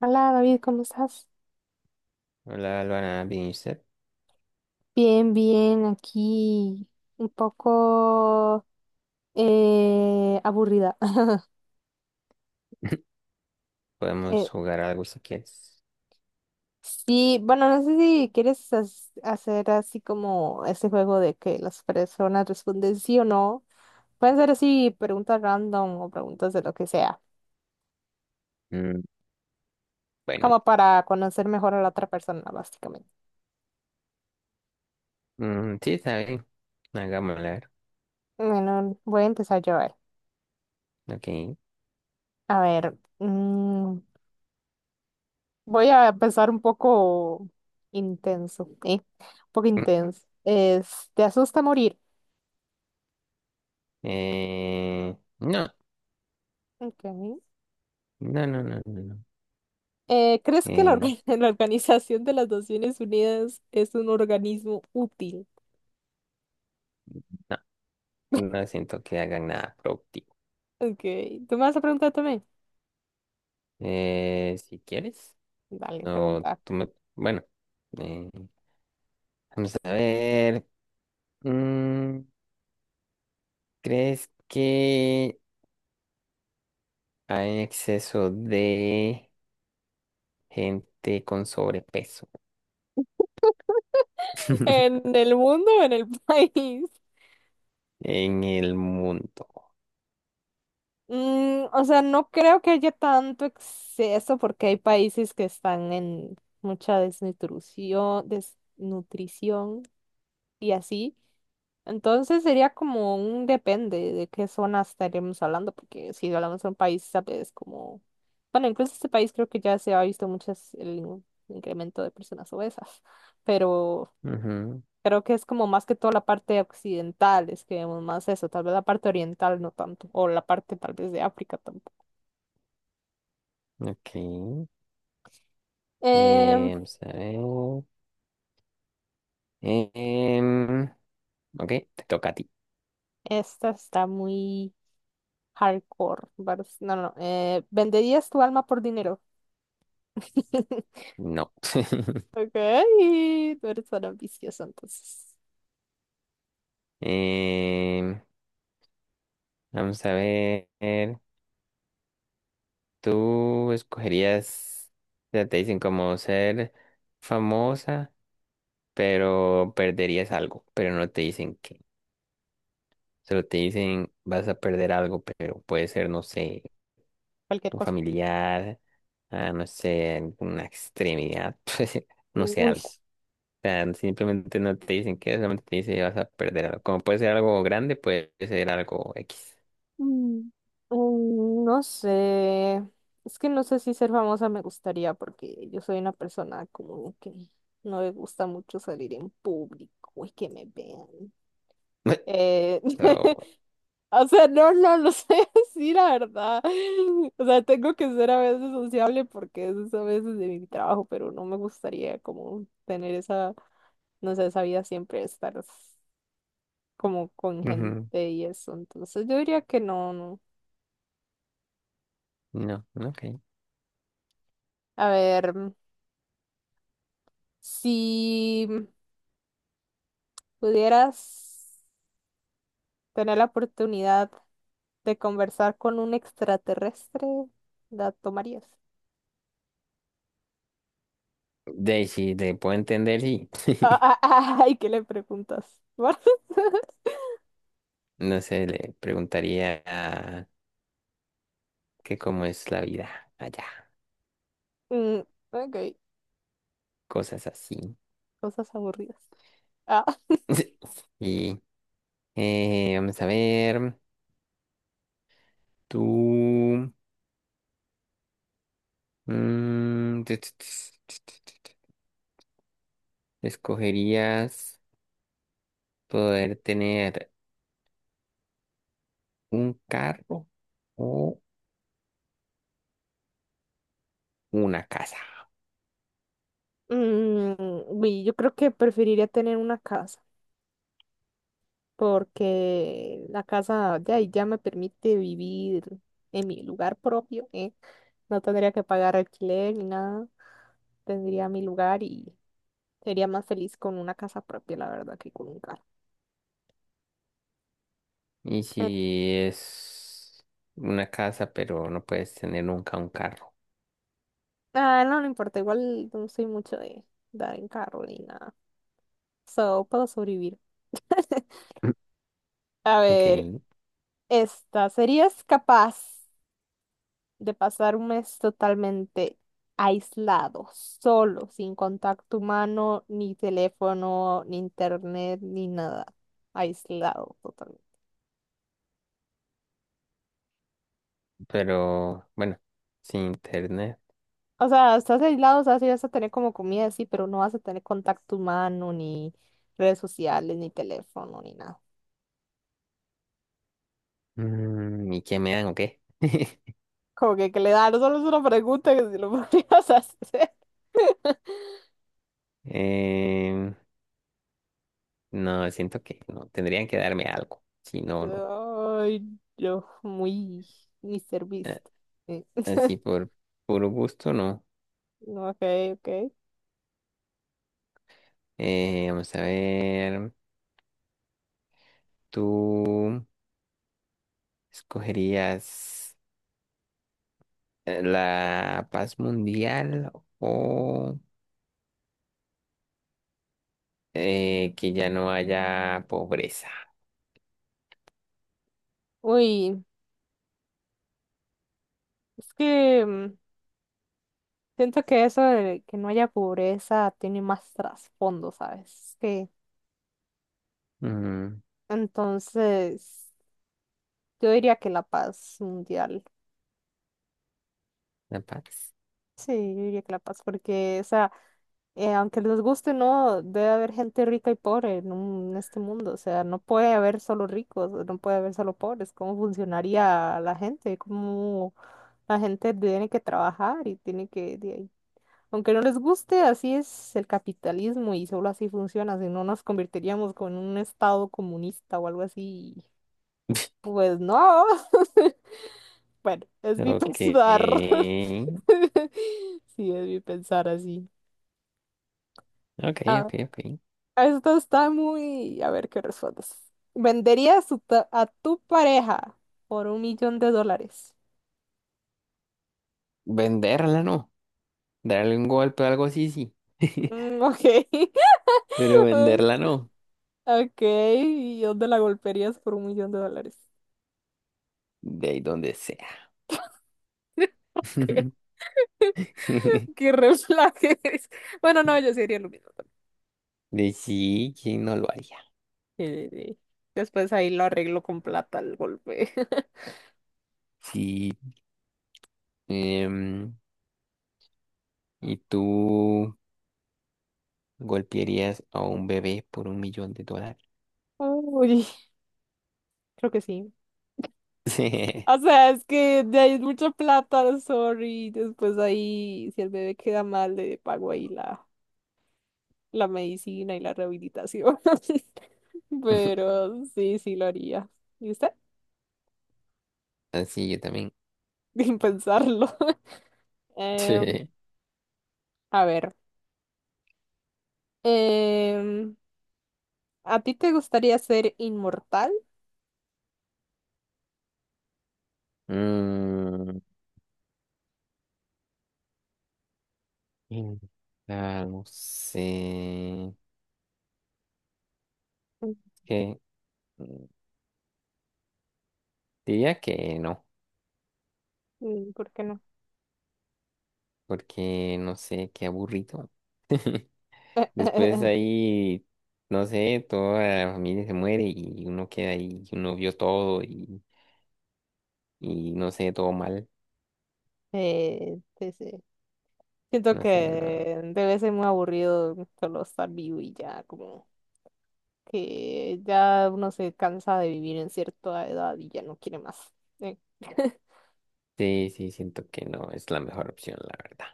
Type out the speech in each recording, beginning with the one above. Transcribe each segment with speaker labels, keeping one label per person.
Speaker 1: Hola David, ¿cómo estás?
Speaker 2: Hola, Alvana, bien, ¿y usted?
Speaker 1: Bien, bien, aquí un poco aburrida. Eh,
Speaker 2: Podemos jugar algo si quieres.
Speaker 1: sí, bueno, no sé si quieres hacer así como ese juego de que las personas responden sí o no. Pueden ser así preguntas random o preguntas de lo que sea,
Speaker 2: Mm, bueno,
Speaker 1: como para conocer mejor a la otra persona, básicamente.
Speaker 2: sí, está bien. Hagámoslo, a ver.
Speaker 1: Bueno, voy a empezar yo a ver.
Speaker 2: Ok.
Speaker 1: A ver, voy a empezar un poco intenso, ¿eh? Un poco intenso. Es, ¿te asusta morir?
Speaker 2: No,
Speaker 1: Ok.
Speaker 2: no, no, no, no, no.
Speaker 1: ¿Crees que la,
Speaker 2: Eh,
Speaker 1: la Organización de las Naciones Unidas es un organismo útil?
Speaker 2: no, no siento que hagan nada productivo.
Speaker 1: Ok. ¿Tú me vas a preguntar también?
Speaker 2: Si quieres,
Speaker 1: Dale,
Speaker 2: no,
Speaker 1: pregunta.
Speaker 2: bueno, eh, vamos a ver. Mm, ¿Crees que hay exceso de gente con sobrepeso?
Speaker 1: ¿En el mundo o en el país?
Speaker 2: En el mundo.
Speaker 1: Mm, o sea, no creo que haya tanto exceso porque hay países que están en mucha desnutrición. Y así. Entonces sería como un depende de qué zona estaríamos hablando, porque si hablamos de un país, tal vez como, bueno, incluso este país creo que ya se ha visto muchas el incremento de personas obesas, pero
Speaker 2: Ujú.
Speaker 1: creo que es como más que todo la parte occidental, es que vemos más eso, tal vez la parte oriental no tanto, o la parte tal vez de África tampoco.
Speaker 2: Ok.
Speaker 1: Em,
Speaker 2: Vamos a ver. Em, ok, te toca a ti.
Speaker 1: esta está muy hardcore, no, no, no, ¿venderías tu alma por dinero?
Speaker 2: No.
Speaker 1: Ok, tú eres tan ambicioso entonces.
Speaker 2: Em, vamos a ver. ¿Tú escogerías, ya te dicen como ser famosa, pero perderías algo, pero no te dicen qué? Solo te dicen vas a perder algo, pero puede ser, no sé,
Speaker 1: Cualquier
Speaker 2: un
Speaker 1: cosa.
Speaker 2: familiar, a, no sé, una extremidad, pues, no sé,
Speaker 1: Uy.
Speaker 2: algo. O sea, simplemente no te dicen qué, solamente te dicen que vas a perder algo. Como puede ser algo grande, puede ser algo X.
Speaker 1: mm, No sé. Es que no sé si ser famosa me gustaría porque yo soy una persona como que no le gusta mucho salir en público y que me vean. Eh,
Speaker 2: So,
Speaker 1: o sea, no, no lo sé decir la verdad. O sea, tengo que ser a veces sociable porque eso es a veces de mi trabajo, pero no me gustaría como tener esa, no sé, esa vida siempre de estar. Como con
Speaker 2: ujú,
Speaker 1: gente y eso. Entonces yo diría que no, no.
Speaker 2: no, no, ok.
Speaker 1: A ver, si pudieras tener la oportunidad de conversar con un extraterrestre, ¿la tomarías?
Speaker 2: De ahí sí, te puedo entender, sí.
Speaker 1: Ah, ah, ah, ay, ¿qué le preguntas?
Speaker 2: No sé, le preguntaría que cómo es la vida allá,
Speaker 1: Mm, ok,
Speaker 2: cosas así.
Speaker 1: cosas aburridas. Ah.
Speaker 2: Y vamos a ver, tú... mm, ¿Escogerías poder tener un carro o una casa?
Speaker 1: Mm, uy, yo creo que preferiría tener una casa. Porque la casa ya, ya me permite vivir en mi lugar propio, ¿eh? No tendría que pagar alquiler ni nada, tendría mi lugar y sería más feliz con una casa propia, la verdad, que con un carro.
Speaker 2: Y
Speaker 1: Eh,
Speaker 2: si es una casa, pero no puedes tener nunca un carro.
Speaker 1: ah, no, no importa, igual no soy mucho de dar en carro ni nada, so puedo sobrevivir. A
Speaker 2: Ok,
Speaker 1: ver, esta, ¿serías capaz de pasar un mes totalmente aislado, solo, sin contacto humano, ni teléfono, ni internet, ni nada? Aislado totalmente.
Speaker 2: pero bueno, sin internet.
Speaker 1: O sea, estás aislado, o sea, sí vas a tener como comida, sí, pero no vas a tener contacto humano, ni redes sociales, ni teléfono, ni nada.
Speaker 2: ¿Y qué me dan o qué?
Speaker 1: Como que le da, no solo es una pregunta que si lo podrías hacer.
Speaker 2: Em, no, siento que no. Tendrían que darme algo. Si no, no.
Speaker 1: Ay, yo, muy Mr.
Speaker 2: Eh,
Speaker 1: Beast. Sí.
Speaker 2: así por puro gusto, no.
Speaker 1: Ok, ok.
Speaker 2: Vamos a ver. ¿Tú escogerías la paz mundial o que ya no haya pobreza?
Speaker 1: Uy. Es que mm, siento que eso de que no haya pobreza tiene más trasfondo, ¿sabes? Que
Speaker 2: Mm,
Speaker 1: entonces yo diría que la paz mundial.
Speaker 2: la paz.
Speaker 1: Sí, yo diría que la paz, porque, o sea, aunque les guste, o no, debe haber gente rica y pobre en, en este mundo. O sea, no puede haber solo ricos, no puede haber solo pobres. ¿Cómo funcionaría la gente? ¿Cómo la gente tiene que trabajar y tiene que, de ahí, aunque no les guste, así es el capitalismo y solo así funciona? Si no nos convertiríamos como en un estado comunista o algo así. Pues no. Bueno, es mi
Speaker 2: Ok.
Speaker 1: pensar. Sí, es mi pensar así.
Speaker 2: Ok,
Speaker 1: Ah,
Speaker 2: ok, ok.
Speaker 1: esto está muy... a ver qué respondes. ¿Venderías tu a tu pareja por 1 millón de dólares?
Speaker 2: Venderla no. Darle un golpe o algo así, sí.
Speaker 1: Mm, ok.
Speaker 2: Pero
Speaker 1: Ah,
Speaker 2: venderla no.
Speaker 1: ok. ¿Y dónde la golpearías por 1 millón de dólares?
Speaker 2: De ahí donde sea.
Speaker 1: Qué red flag. Bueno, no, yo sería lo mismo.
Speaker 2: De sí, ¿quién no lo haría?
Speaker 1: Sí, sí, sí. Después ahí lo arreglo con plata al golpe.
Speaker 2: Sí. em, ¿y tú golpearías a un bebé por $1.000.000?
Speaker 1: Uy, creo que sí. O sea, es que de ahí es mucha plata, sorry. Después ahí, si el bebé queda mal, le pago ahí la, la medicina y la rehabilitación. Pero sí, sí lo haría. ¿Y usted?
Speaker 2: Ah, sí, yo también.
Speaker 1: Sin pensarlo. Em, a ver. em, ¿A ti te gustaría ser inmortal?
Speaker 2: Mm, y no sé. Es Que, mm, diría que no,
Speaker 1: Mm, ¿por qué no?
Speaker 2: porque no sé, qué aburrido. Después ahí, no sé, toda la familia se muere y uno queda ahí, y uno vio todo y no sé, todo mal.
Speaker 1: Sí, sí. Siento
Speaker 2: No sé, no.
Speaker 1: que debe ser muy aburrido solo estar vivo y ya, como que ya uno se cansa de vivir en cierta edad y ya no quiere más. Eh,
Speaker 2: Sí, sí, siento que no es la mejor opción, la verdad.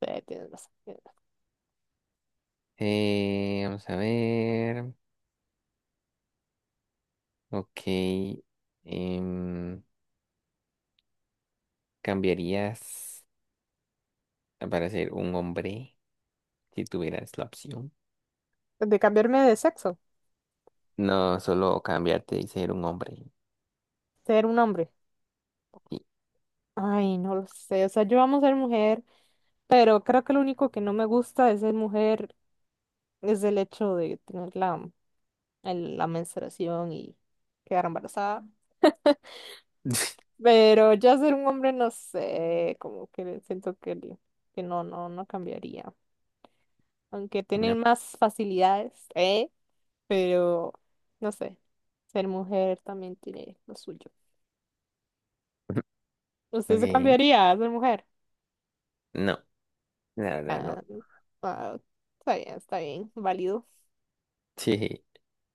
Speaker 1: sí, tienes razón, tienes
Speaker 2: Vamos a ver. Ok. em, ¿Cambiarías para ser un hombre si tuvieras la opción?
Speaker 1: razón. De cambiarme de sexo,
Speaker 2: No, solo cambiarte y ser un hombre.
Speaker 1: ser un hombre.
Speaker 2: Sí.
Speaker 1: Ay, no lo sé, o sea, yo amo ser mujer, pero creo que lo único que no me gusta de ser mujer es el hecho de tener la, la menstruación y quedar embarazada. Pero ya ser un hombre, no sé, como que siento que, que no, no, no cambiaría. Aunque tener
Speaker 2: No.
Speaker 1: más facilidades, ¿eh? Pero, no sé, ser mujer también tiene lo suyo. ¿Usted se
Speaker 2: Ok.
Speaker 1: cambiaría a ser mujer?
Speaker 2: No. Nada,
Speaker 1: Ah,
Speaker 2: no.
Speaker 1: ah, está bien, válido.
Speaker 2: Sí.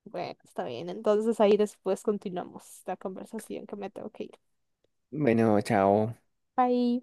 Speaker 1: Bueno, está bien. Entonces ahí después continuamos la conversación que me tengo que ir.
Speaker 2: Bueno, chao.
Speaker 1: Bye.